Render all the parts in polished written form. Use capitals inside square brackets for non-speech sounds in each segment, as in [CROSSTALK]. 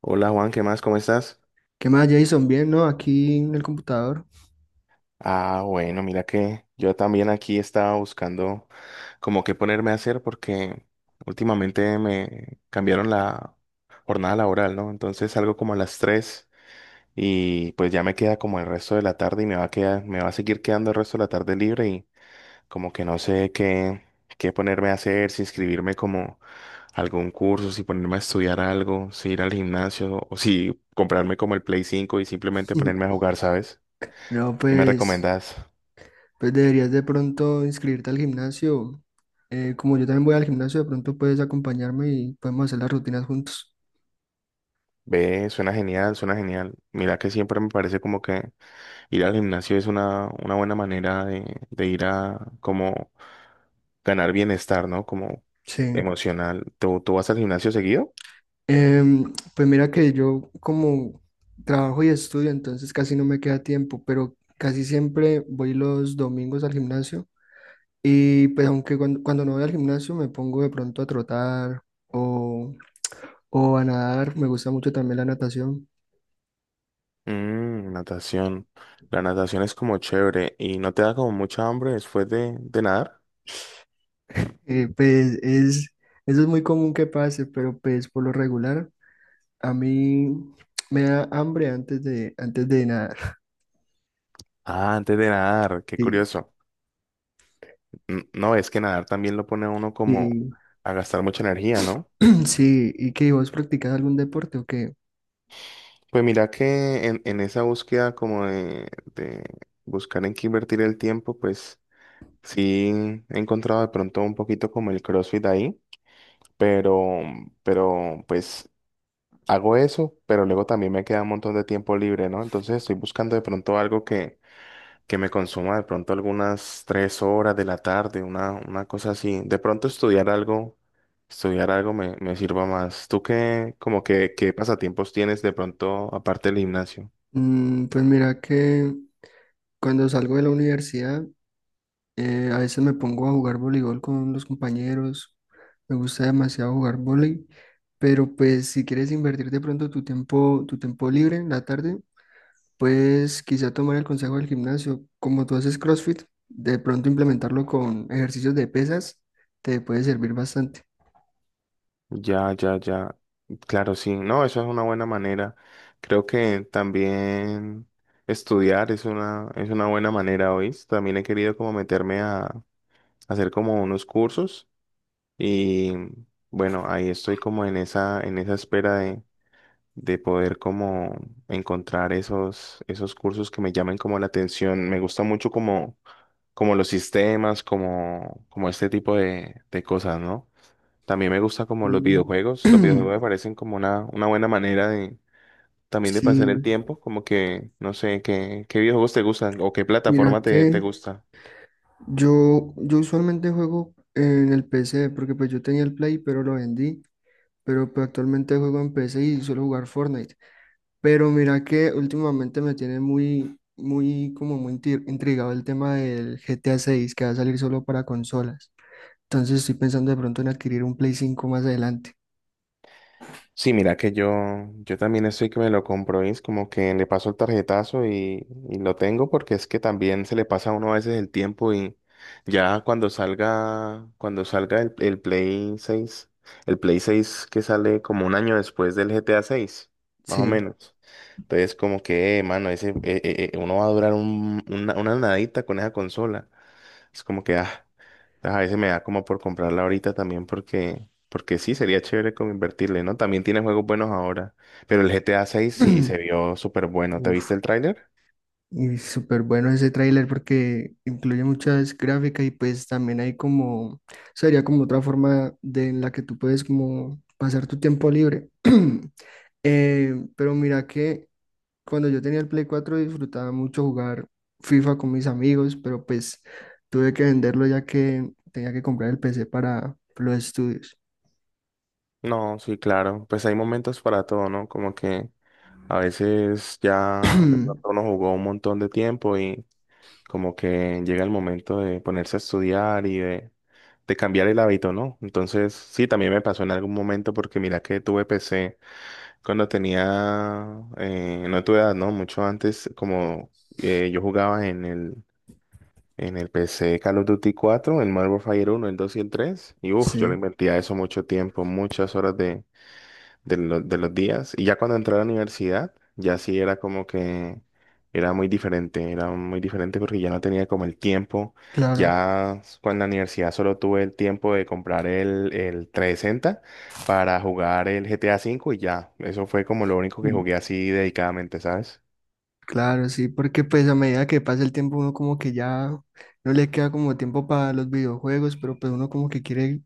Hola Juan, ¿qué más? ¿Cómo estás? ¿Qué más, Jason? Bien, ¿no? Aquí en el computador. Ah, bueno, mira que yo también aquí estaba buscando como qué ponerme a hacer porque últimamente me cambiaron la jornada laboral, ¿no? Entonces salgo como a las 3 y pues ya me queda como el resto de la tarde y me va a quedar, me va a seguir quedando el resto de la tarde libre y como que no sé qué, qué ponerme a hacer, si inscribirme como a algún curso, si ponerme a estudiar algo, si ir al gimnasio o si comprarme como el Play cinco y simplemente ponerme a [LAUGHS] jugar, ¿sabes? No, ¿Qué me pues, recomendás? pues deberías de pronto inscribirte al gimnasio. Como yo también voy al gimnasio, de pronto puedes acompañarme y podemos hacer las rutinas juntos. Ve, suena genial, suena genial. Mira que siempre me parece como que ir al gimnasio es una buena manera de ir a como ganar bienestar, ¿no? Como Sí. emocional. ¿Tú vas al gimnasio seguido? Pues mira que yo como trabajo y estudio, entonces casi no me queda tiempo, pero casi siempre voy los domingos al gimnasio. Y pues aunque cuando no voy al gimnasio me pongo de pronto a trotar o a nadar, me gusta mucho también la natación. Mm, natación. La natación es como chévere y no te da como mucha hambre después de nadar. Pues eso es muy común que pase, pero pues por lo regular a mí me da hambre antes de nadar. Ah, antes de nadar, qué Sí, curioso. No, es que nadar también lo pone a uno como y, a gastar mucha energía, ¿no? [CLEARS THROAT] sí, ¿y que vos practicas algún deporte o qué? Pues mira que en esa búsqueda como de buscar en qué invertir el tiempo, pues sí he encontrado de pronto un poquito como el CrossFit ahí, pero, pero pues hago eso, pero luego también me queda un montón de tiempo libre, ¿no? Entonces estoy buscando de pronto algo que me consuma de pronto algunas tres horas de la tarde, una cosa así. De pronto estudiar algo me sirva más. ¿Tú qué, como que, qué pasatiempos tienes de pronto aparte del gimnasio? Pues mira que cuando salgo de la universidad. A veces me pongo a jugar voleibol con los compañeros. Me gusta demasiado jugar voleibol. Pero pues si quieres invertir de pronto tu tiempo libre en la tarde, pues quizá tomar el consejo del gimnasio. Como tú haces CrossFit, de pronto implementarlo con ejercicios de pesas te puede servir bastante. Ya. Claro, sí. No, eso es una buena manera. Creo que también estudiar es una buena manera, hoy. También he querido como meterme a hacer como unos cursos y bueno, ahí estoy como en esa espera de poder como encontrar esos, esos cursos que me llamen como la atención. Me gusta mucho como, como los sistemas, como, como este tipo de cosas, ¿no? También me gusta como los Mm, videojuegos. Los videojuegos [CLEARS THROAT] me parecen como una buena manera de también de pasar el sí, tiempo. Como que, no sé, qué, qué videojuegos te gustan o qué mira plataforma te que gusta. yo usualmente juego en el PC porque pues yo tenía el Play pero lo vendí, pero pues, actualmente juego en P C y suelo jugar Fortnite. Pero mira que últimamente me tiene muy, muy, como muy intrigado el tema del GTA 6 que va a salir solo para consolas. Entonces estoy pensando de pronto en adquirir un Play 5 más adelante. Sí, mira que yo también estoy que me lo compro es como que le paso el tarjetazo y lo tengo porque es que también se le pasa a uno a veces el tiempo y ya cuando salga el Play seis, el Play seis que sale como un año después del GTA seis más o Sí. menos. Entonces, como que, mano, ese, uno va a durar una nadita con esa consola. Es como que, ah, a veces me da como por comprarla ahorita también porque, porque sí, sería chévere como invertirle, ¿no? También tiene juegos buenos ahora, pero el GTA 6 sí se [CLEARS THROAT] vio súper bueno. ¿Te viste Uf, el tráiler? y súper bueno ese tráiler porque incluye muchas gráficas y pues también hay como, sería como otra forma de en la que tú puedes como pasar tu tiempo libre. [CLEARS THROAT] Pero mira que cuando yo tenía el Play 4 disfrutaba mucho jugar FIFA con mis amigos, pero pues tuve que venderlo ya que tenía que comprar el PC para los estudios. No, sí, claro. Pues hay momentos para todo, ¿no? Como que a veces ya de pronto [CLEARS THROAT] uno jugó un montón de tiempo y como que llega el momento de ponerse a estudiar y de cambiar el hábito, ¿no? Entonces, sí, también me pasó en algún momento porque mira que tuve PC cuando tenía, no tu edad, ¿no? Mucho antes, como yo jugaba en el PC Call of Duty cuatro, el Modern Warfare uno, el 2 y el 3, y uff, yo le Sí, invertía eso mucho tiempo, muchas horas de los días. Y ya cuando entré a la universidad, ya sí era como que era muy diferente porque ya no tenía como el tiempo. claro, Cuando en la universidad solo tuve el tiempo de comprar el 360 para jugar el GTA cinco y ya, eso fue como lo único que mm, jugué así dedicadamente, ¿sabes? claro, sí, porque pues a medida que pasa el tiempo uno como que ya no le queda como tiempo para los videojuegos, pero pues uno como que quiere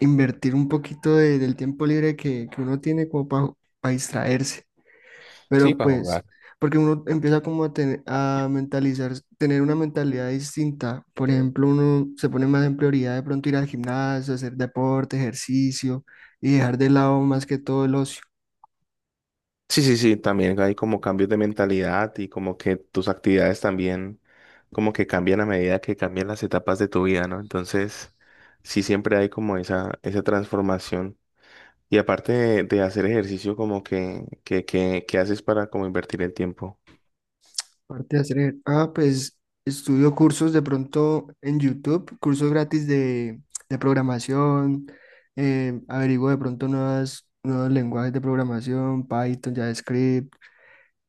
invertir un poquito del tiempo libre que uno tiene como para distraerse. Sí, Pero para jugar. pues, porque uno empieza como a mentalizar, tener una mentalidad distinta. Por ejemplo, uno se pone más en prioridad de pronto ir al gimnasio, hacer deporte, ejercicio y dejar de lado más que todo el ocio. Sí, sí, sí, también hay como cambios de mentalidad y como que tus actividades también como que cambian a medida que cambian las etapas de tu vida, ¿no? Entonces, sí siempre hay como esa transformación. Y aparte de hacer ejercicio, como que, que haces para como invertir el tiempo. Aparte de hacer, pues estudio cursos de pronto en YouTube, cursos gratis de programación, averiguo de pronto nuevos lenguajes de programación, Python, JavaScript.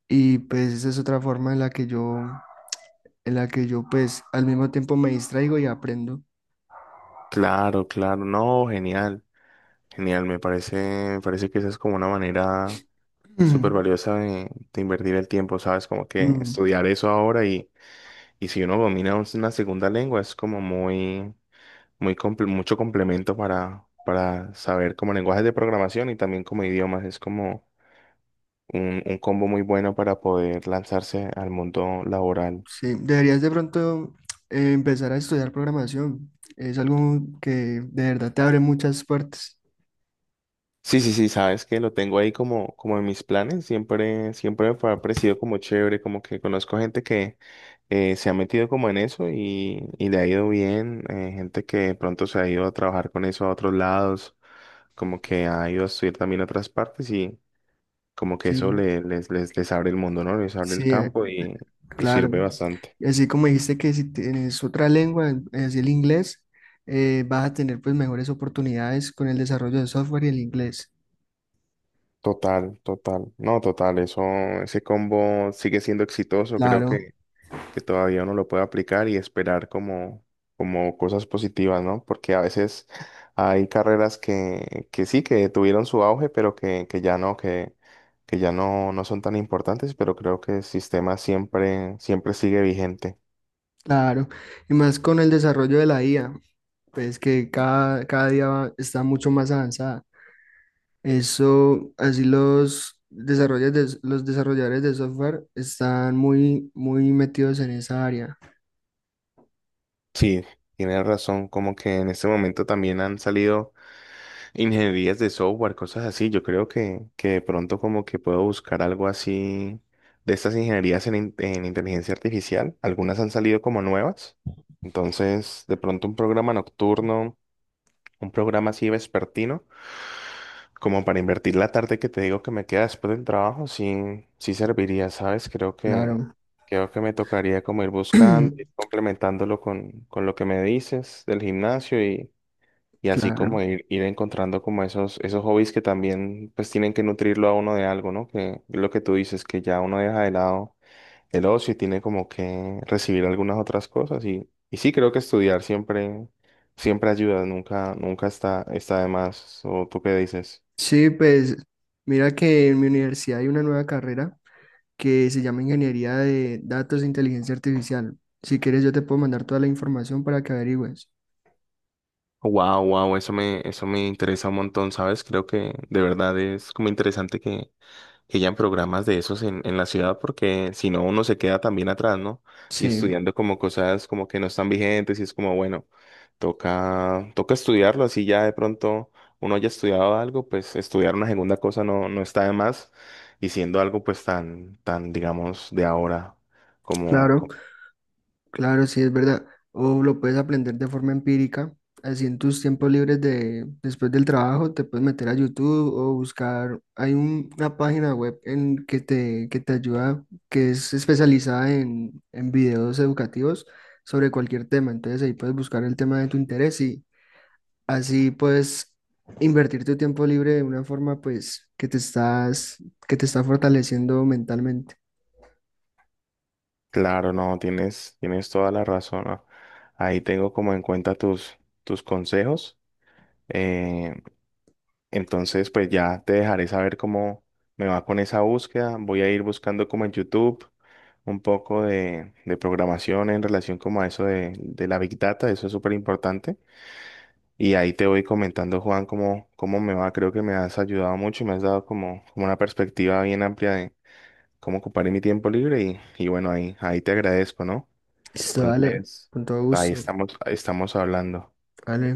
Y pues esa es otra forma en la que yo pues al mismo tiempo me distraigo y aprendo. Claro, claro, no, genial, genial, me parece que esa es como una manera súper [CLEARS THROAT] valiosa de invertir el tiempo, ¿sabes? Como Mm, que mm, estudiar eso ahora y si uno domina una segunda lengua es como muy mucho complemento para saber como lenguajes de programación y también como idiomas. Es como un combo muy bueno para poder lanzarse al mundo laboral. sí, deberías de pronto empezar a estudiar programación. Es algo que de verdad te abre muchas puertas. Sí, sí, sí, sabes que lo tengo ahí como, como en mis planes. Siempre, ha parecido como chévere, como que conozco gente que se ha metido como en eso y le ha ido bien. Eh, gente que de pronto se ha ido a trabajar con eso a otros lados, como que ha ido a estudiar también a otras partes, como que Sí, eso les abre el mundo, ¿no? Les abre el sí, campo y claro. sirve bastante. Y así como dijiste que si tienes otra lengua, es el inglés, vas a tener pues mejores oportunidades con el desarrollo de software y el inglés. Total, total. No, total, eso, ese combo sigue siendo exitoso. Creo Claro, que todavía uno lo puede aplicar y esperar como, como cosas positivas, ¿no? Porque a veces hay carreras que sí, que tuvieron su auge, pero que ya no, no son tan importantes, pero creo que el sistema siempre, siempre sigue vigente. claro. Y más con el desarrollo de la IA, pues que cada día está mucho más avanzada. Eso, así los desarrolladores de software están muy, muy metidos en esa área. Sí, tienes razón, como que en este momento también han salido ingenierías de software, cosas así. Yo creo que de pronto como que puedo buscar algo así de estas ingenierías en, en inteligencia artificial. Algunas han salido como nuevas. Entonces, de pronto un programa nocturno, un programa así vespertino, como para invertir la tarde que te digo que me queda después del trabajo, sí, sí serviría, ¿sabes? Creo Claro, creo que me tocaría como ir buscando, ir [CLEARS THROAT] complementándolo con lo que me dices del gimnasio, y así claro. como ir, ir encontrando como esos, esos hobbies que también pues tienen que nutrirlo a uno de algo, ¿no? Que lo que tú dices, que ya uno deja de lado el ocio y tiene como que recibir algunas otras cosas. Y sí, creo que estudiar siempre, siempre ayuda, nunca, está de más. ¿O tú qué dices? Sí, pues mira que en mi universidad hay una nueva carrera que se llama Ingeniería de Datos e Inteligencia Artificial. Si quieres, yo te puedo mandar toda la información para que averigües. Wow, wow, eso me interesa un montón, ¿sabes? Creo que de verdad es como interesante que hayan programas de esos en la ciudad, porque si no, uno se queda también atrás, ¿no? Y Sí, estudiando como cosas como que no están vigentes y es como, bueno, toca, toca estudiarlo, así ya de pronto uno haya estudiado algo, pues estudiar una segunda cosa no, no está de más, y siendo algo pues tan, tan, digamos, de ahora, como, claro. Claro, sí, es verdad. O lo puedes aprender de forma empírica. Así en tus tiempos libres después del trabajo, te puedes meter a YouTube o buscar. Hay una página web en que que te ayuda, que es especializada en videos educativos sobre cualquier tema. Entonces ahí puedes buscar el tema de tu interés y así puedes invertir tu tiempo libre de una forma pues que te está fortaleciendo mentalmente. claro, no, tienes, tienes toda la razón, ¿no? Ahí tengo como en cuenta tus, tus consejos. eh, Entonces, pues ya te dejaré saber cómo me va con esa búsqueda. Voy a ir buscando como en YouTube un poco de programación en relación como a eso de la Big Data. Eso es súper importante. Y ahí te voy comentando, Juan, cómo, cómo me va. Creo que me has ayudado mucho y me has dado como, como una perspectiva bien amplia de cómo ocuparé mi tiempo libre. Y bueno, ahí, ahí te agradezco, ¿no? Listo, dale, Entonces, con todo gusto. Ahí estamos hablando. Vale.